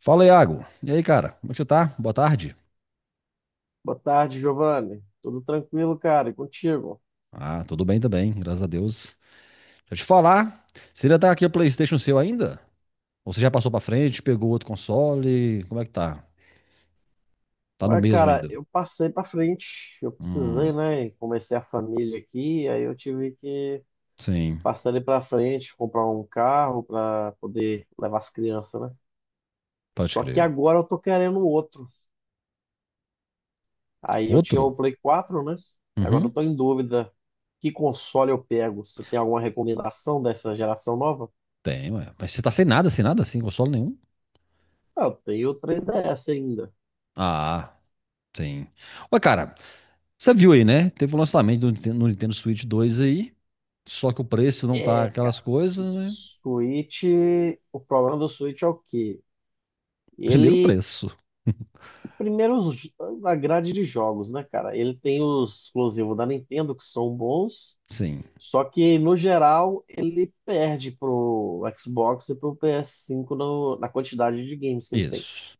Fala, Iago. E aí, cara? Como é que você tá? Boa tarde. Boa tarde, Giovanni. Tudo tranquilo, cara? E contigo? Ah, tudo bem também, graças a Deus. Deixa eu te falar, você ainda tá aqui o PlayStation seu ainda? Ou você já passou pra frente, pegou outro console? Como é que tá? Tá no Ué, mesmo cara, ainda? eu passei pra frente. Eu precisei, Hum, né? E comecei a família aqui, aí eu tive que sim, passar ali pra frente, comprar um carro pra poder levar as crianças, né? pode Só que crer. agora eu tô querendo outro. Aí eu tinha Outro? o Play 4, né? Agora eu Uhum, tô em dúvida. Que console eu pego? Você tem alguma recomendação dessa geração nova? tem, ué. Mas você tá sem nada, sem nada, sem console nenhum? Ah, eu tenho o 3DS ainda. Ah, sim. Ué, cara, você viu aí, né? Teve o lançamento do Nintendo, no Nintendo Switch 2 aí, só que o preço não tá É, cara, aquelas o coisas, né? Switch, o problema do Switch é o quê? Primeiro o Ele, preço. primeiro, a grade de jogos, né, cara? Ele tem os exclusivos da Nintendo que são bons, Sim, só que, no geral, ele perde pro Xbox e pro PS5 na quantidade de games que ele tem. isso.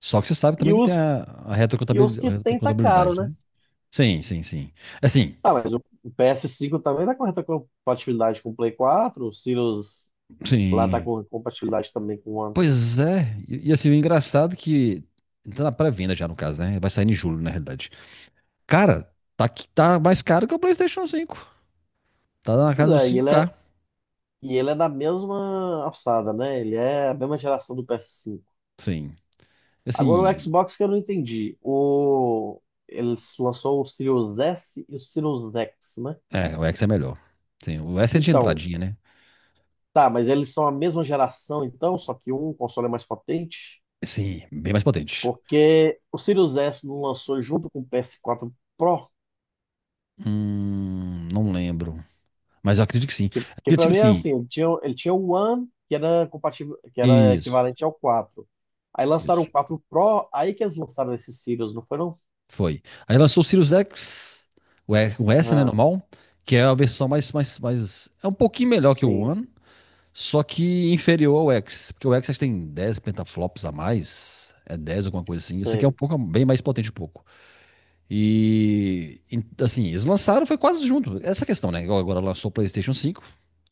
Só que você sabe E também que tem os, a e os que retrocontabilidade, tem tá caro, retrocontabilidade, né? né? Sim, sim, sim. Assim, Ah, mas o PS5 também tá com reta compatibilidade com o Play 4, o Sirius lá tá sim. com compatibilidade também com o One. Pois é. E assim, o engraçado é que. Tá na pré-venda já, no caso, né? Vai sair em julho, na realidade. Cara, tá, que tá mais caro que o PlayStation cinco. Tá na Pois casa dos é, e cinco ele é k E ele é da mesma alçada, né? Ele é a mesma geração do PS5. Sim. Agora o Assim, Xbox que eu não entendi. Ele lançou o Series S e o Series X, né? é, o X é melhor. Sim, o S é de Então, entradinha, né? tá, mas eles são a mesma geração, então, só que um console é mais potente. Sim, bem mais potente. Porque o Series S não lançou junto com o PS4 Pro, Não lembro. Mas eu acredito que sim. que Porque, pra tipo mim era assim, assim, ele tinha o One, que era compatível, que era isso, equivalente ao quatro. Aí lançaram o isso. 4 Pro, aí que eles lançaram esse Series, não foi não? Foi. Aí lançou o Sirius X, o S, né, Ah, normal, que é a versão mais, mais, mais... É um pouquinho melhor que o sim. One, só que inferior ao X. Porque o X acho que tem 10 pentaflops a mais, é 10 alguma coisa assim. Esse aqui é um Sei. pouco, bem mais potente um pouco. Assim, eles lançaram, foi quase junto. Essa questão, né? Igual agora lançou o PlayStation 5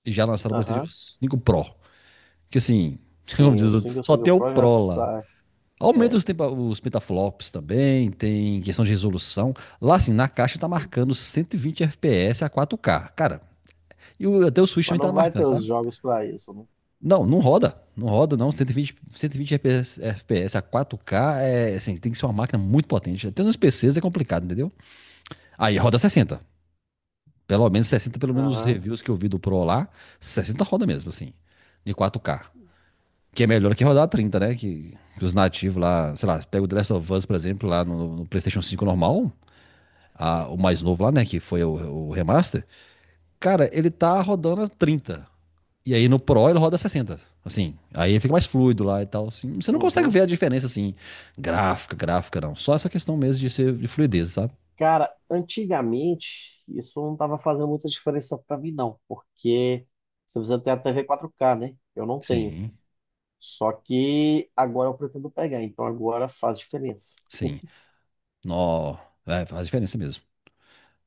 e já lançaram o PlayStation Aham. 5 Pro. Que assim, como Sim, diz o o outro, single só single tem o pro já Pro lá. sai. Aumenta É. os petaflops também, tem questão de resolução. Lá, assim, na caixa tá marcando 120 FPS a 4K. Cara, até o Switch Mas também tá não vai marcando, ter os sabe? jogos pra isso, né? Não, não roda. Não roda, não. 120 FPS, a 4K é, assim, tem que ser uma máquina muito potente. Até nos PCs é complicado, entendeu? Aí roda 60. Pelo menos 60, pelo menos os Aham. reviews que eu vi do Pro lá, 60 roda mesmo, assim, de 4K. Que é melhor que rodar 30, né? Que os nativos lá, sei lá, pega o The Last of Us, por exemplo, lá no PlayStation 5 normal, o mais novo lá, né? Que foi o remaster. Cara, ele tá rodando as 30. E aí no Pro ele roda 60. Assim, aí fica mais fluido lá e tal, assim. Você não consegue Uhum. ver a diferença, assim, gráfica, gráfica, não. Só essa questão mesmo de ser de fluidez, sabe? Cara, antigamente isso não tava fazendo muita diferença pra mim, não, porque você precisa ter a TV 4K, né? Eu não tenho. Sim, Só que agora eu pretendo pegar, então agora faz diferença. sim. Nó, é, faz diferença mesmo.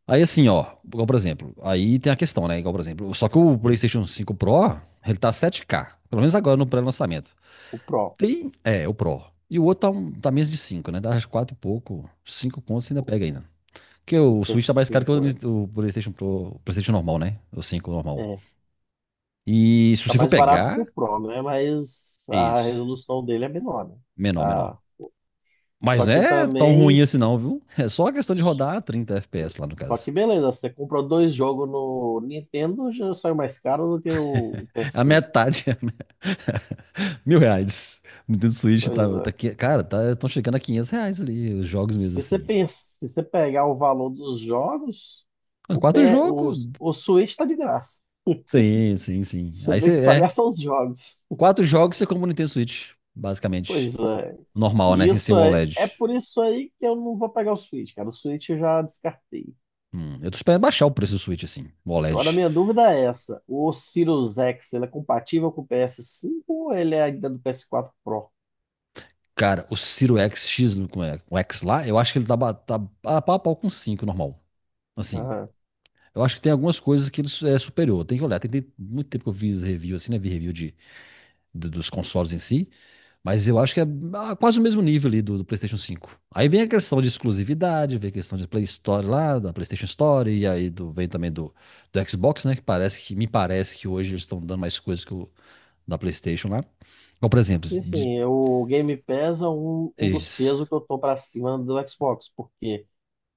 Aí assim, ó, igual por exemplo, aí tem a questão, né? Igual por exemplo, só que o PlayStation 5 Pro, ele tá 7K, pelo menos agora no pré-lançamento. O Pro, Tem, é, o Pro. E o outro tá, tá menos de 5, né? Dá uns 4 e pouco, 5 contos você ainda pega ainda. Porque o o p Switch tá mais caro que cinco, né? o PlayStation Pro, o PlayStation normal, né? O 5 normal. É. E se Está você for mais barato que pegar, o Pro, né? Mas a isso, resolução dele é menor, né? menor, menor. Ah, Mas só não que é tão ruim também. assim não, viu? É só a questão de rodar a 30 FPS lá no Só que caso. beleza, você comprou dois jogos no Nintendo, já saiu mais caro do que o É a PS5. metade. R$ 1.000. Nintendo Switch tá, Pois é. tá, aqui- cara, tá, estão chegando a R$ 500 ali, os jogos mesmo Se você assim. pensa, se você pegar o valor dos jogos, Ah, o, quatro P, o, jogos? o Switch tá de graça. Sim, sim, sim. Você Aí tem que você, pagar é, só os jogos. quatro jogos você compra o Nintendo Switch, Pois basicamente. é. Normal, né, E sem ser isso o é, é OLED. por isso aí que eu não vou pegar o Switch, cara. O Switch eu já descartei. Eu tô esperando baixar o preço do Switch, assim, o Agora, a OLED. minha dúvida é essa: o Sirius X ele é compatível com o PS5 ou ele é ainda do PS4 Pro? Cara, o Ciro X, como é, o X lá, eu acho que ele tá a pau com 5 normal. Assim, Ah, eu acho que tem algumas coisas que ele é superior, tem que olhar. Tem muito tempo que eu fiz review, assim, né, vi review dos consoles em si, mas eu acho que é quase o mesmo nível ali do PlayStation 5. Aí vem a questão de exclusividade, vem a questão de Play Store lá, da PlayStation Store, e aí vem também do Xbox, né? Que parece que me parece que hoje eles estão dando mais coisas que o da PlayStation lá. Então, por exemplo, e assim, o Game Pass é um dos esse, pesos que eu tô pra cima do Xbox, porque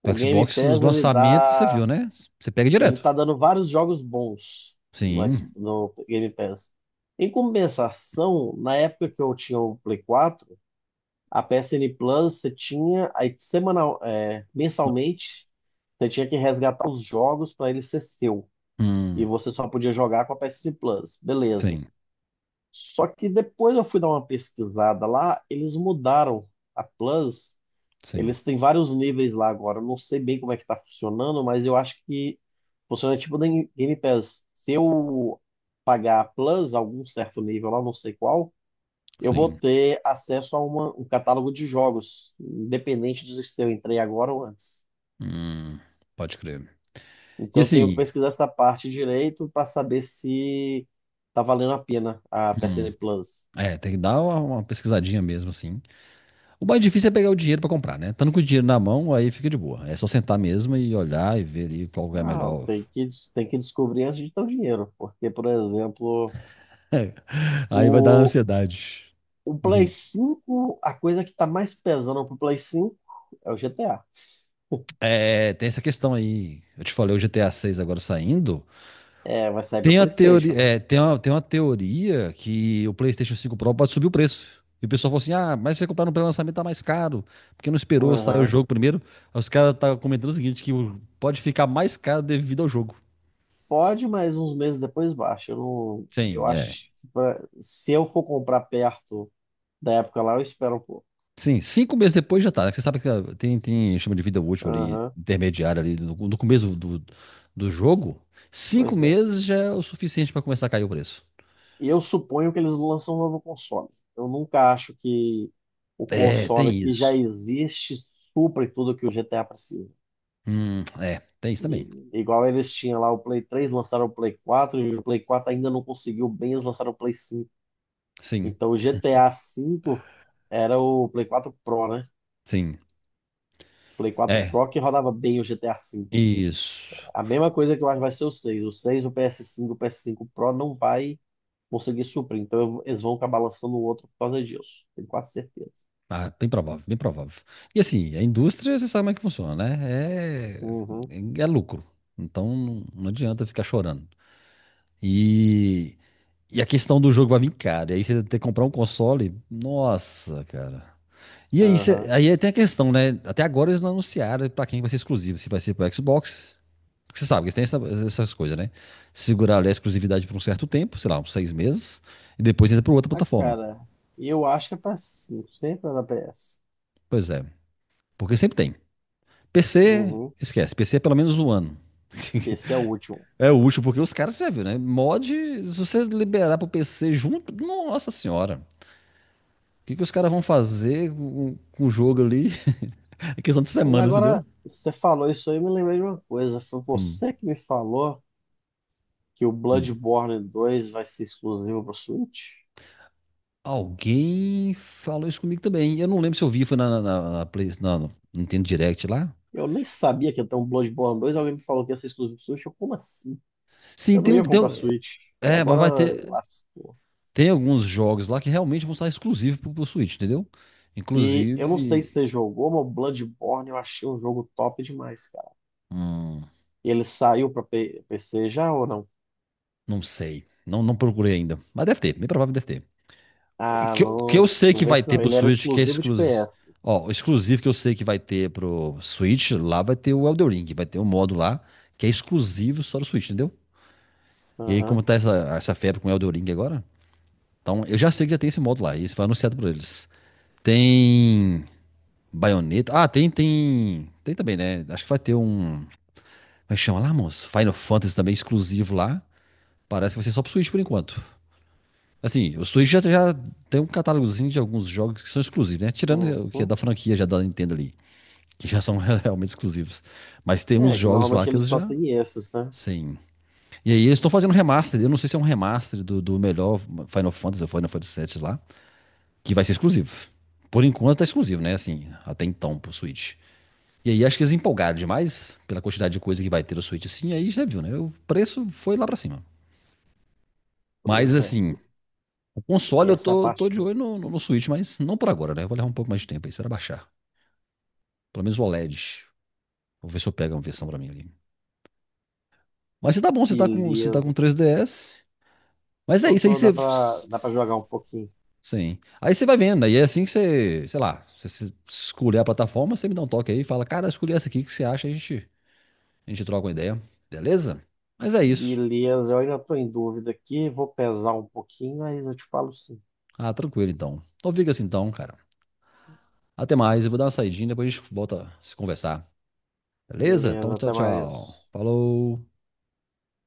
pro o Game Xbox, os Pass lançamentos, você viu, né? Você pega ele direto. tá dando vários jogos bons Sim. No Game Pass. Em compensação, na época que eu tinha o Play 4, a PSN Plus você tinha aí semanal, é, mensalmente, você tinha que resgatar os jogos para ele ser seu. E Hum, você só podia jogar com a PSN Plus. Beleza. sim, Só que depois eu fui dar uma pesquisada lá, eles mudaram a Plus. sim, Eles têm vários níveis lá agora. Eu não sei bem como é que tá funcionando, mas eu acho que funciona tipo da Game Pass. Se eu pagar a Plus, algum certo nível lá, não sei qual, eu vou sim. ter acesso a um catálogo de jogos, independente de se eu entrei agora ou antes. Hum, pode crer. E Então eu tenho que assim, pesquisar essa parte direito para saber se tá valendo a pena a hum, PSN Plus. Tem que dar uma pesquisadinha mesmo, assim. O mais difícil é pegar o dinheiro pra comprar, né? Estando com o dinheiro na mão, aí fica de boa. É só sentar mesmo e olhar e ver ali qual é a Não, melhor. tem que descobrir antes de ter o dinheiro, porque, por exemplo, Aí vai dar o, ansiedade. o Play Uhum. 5, a coisa que tá mais pesando pro Play 5 é o GTA. É, tem essa questão aí. Eu te falei o GTA 6 agora saindo. É, vai sair pra Tem a teoria, PlayStation, né? é, tem uma teoria que o PlayStation cinco Pro pode subir o preço. E o pessoal falou assim: ah, mas se você comprar no pré-lançamento tá mais caro, porque não esperou sair o Aham. jogo primeiro. Aí os caras tá comentando o seguinte: pode ficar mais caro devido ao jogo. Pode, mas uns meses depois baixa. Eu, não, eu Sim, é. acho que se eu for comprar perto da época lá, eu espero um pouco. Sim, 5 meses depois já tá, né? Você sabe que tem chama de vida útil ali, Aham, intermediária ali, no começo do jogo. Cinco pois é. meses já é o suficiente para começar a cair o preço. E eu suponho que eles lançam um novo console. Eu nunca acho que o É, console tem que já isso. existe supre tudo que o GTA precisa. Tem isso também. Igual eles tinham lá o Play 3, lançaram o Play 4, e o Play 4 ainda não conseguiu bem, eles lançaram o Play 5. Sim, Então o GTA V era o Play 4 Pro, né? sim. Play 4 É, Pro que rodava bem o GTA V. A cinco. isso. A mesma coisa que eu acho que vai ser o 6. O 6, o PS5, o PS5 Pro não vai conseguir suprir. Então eles vão acabar lançando o outro por causa disso. Tenho quase certeza. Ah, bem provável, bem provável. E assim, a indústria, você sabe como é que funciona, né? É, Uhum, é é lucro. Então não, não adianta ficar chorando. E, E a questão do jogo vai vir caro. E aí você ter que comprar um console, nossa, cara. E aí, aham. aí é, tem a questão, né? Até agora eles não anunciaram pra quem vai ser exclusivo, se vai ser pro Xbox. Porque você sabe que eles têm essas coisas, né? Segurar ali a exclusividade por um certo tempo, sei lá, uns 6 meses, e depois entra pra outra Ah, plataforma. cara, eu acho que é PS5, sempre é da PS. Pois é. Porque sempre tem. PC, Uhum. esquece. PC é pelo menos um ano. PC é o último. É útil, porque os caras, você já viu, né? Mod, se você liberar pro PC junto, nossa senhora. O que, que os caras vão fazer com o jogo ali? É questão de Mas semanas, agora entendeu? você falou isso aí, eu me lembrei de uma coisa. Foi Hum, você que me falou que o hum. Bloodborne 2 vai ser exclusivo pro Switch? Alguém falou isso comigo também. Eu não lembro se eu vi, foi na Play, no Nintendo Direct lá. Eu nem sabia que ia ter um Bloodborne 2, alguém me falou que ia ser exclusivo pro Switch. Eu, como assim? Sim, Eu não tem um. ia Tem, comprar um- Switch. é, mas Agora vai ter. lascou. Tem alguns jogos lá que realmente vão estar exclusivos pro Switch, entendeu? Que eu não sei se Inclusive. você jogou, mas o Bloodborne eu achei um jogo top demais, cara. hum, Ele saiu pra PC já ou não? não sei. Não, não procurei ainda. Mas deve ter, bem provável que deve ter. Ah, Que eu não, sei não que vê vai se ter não. pro Ele era Switch, que é exclusivo de exclusivo. PS. Ó, o exclusivo que eu sei que vai ter pro Switch, lá vai ter o Elden Ring, vai ter um modo lá que é exclusivo só do Switch, entendeu? E aí, como Aham. tá essa febre com o Elden Ring agora? Então, eu já sei que já tem esse modo lá, e isso foi anunciado por eles. Tem Bayonetta. Ah, tem, tem. Tem também, né? Acho que vai ter um. Como é que chama lá, moço? Final Fantasy também exclusivo lá. Parece que vai ser só pro Switch por enquanto. Assim, o Switch já tem um catálogozinho de alguns jogos que são exclusivos, né? Tirando o que é Uhum. da franquia já da Nintendo ali, que já são realmente exclusivos. Mas tem uns É, que jogos lá normalmente que ele eles só já. tem esses, né? Sim. E aí eles estão fazendo um remaster. Eu não sei se é um remaster do melhor Final Fantasy ou Final Fantasy VII lá, que vai ser exclusivo. Por enquanto tá exclusivo, né? Assim, até então pro Switch. E aí acho que eles empolgaram demais pela quantidade de coisa que vai ter no Switch, assim, aí já viu, né? O preço foi lá pra cima. Mas Pois é, assim, o console eu essa tô parte, de olho no Switch, mas não por agora, né? Eu vou levar um pouco mais de tempo aí, será baixar. Pelo menos o OLED. Vou ver se eu pego uma versão pra mim ali. Mas você tá bom, você tá com beleza. 3DS. Mas é Tô, isso aí, tô, dá você. pra, dá pra jogar um pouquinho. Sim. Aí você vai vendo, aí é assim que você, sei lá, você se- escolher a plataforma, você me dá um toque aí e fala, cara, escolhi essa aqui, o que você acha? A gente troca uma ideia, beleza? Mas é isso. Beleza, eu ainda tô em dúvida aqui, vou pesar um pouquinho, mas eu te falo sim. Ah, tranquilo então. Então fica assim então, cara. Até mais, eu vou dar uma saidinha, depois a gente volta a se conversar, beleza? Beleza, Então tchau, até tchau. mais. Falou.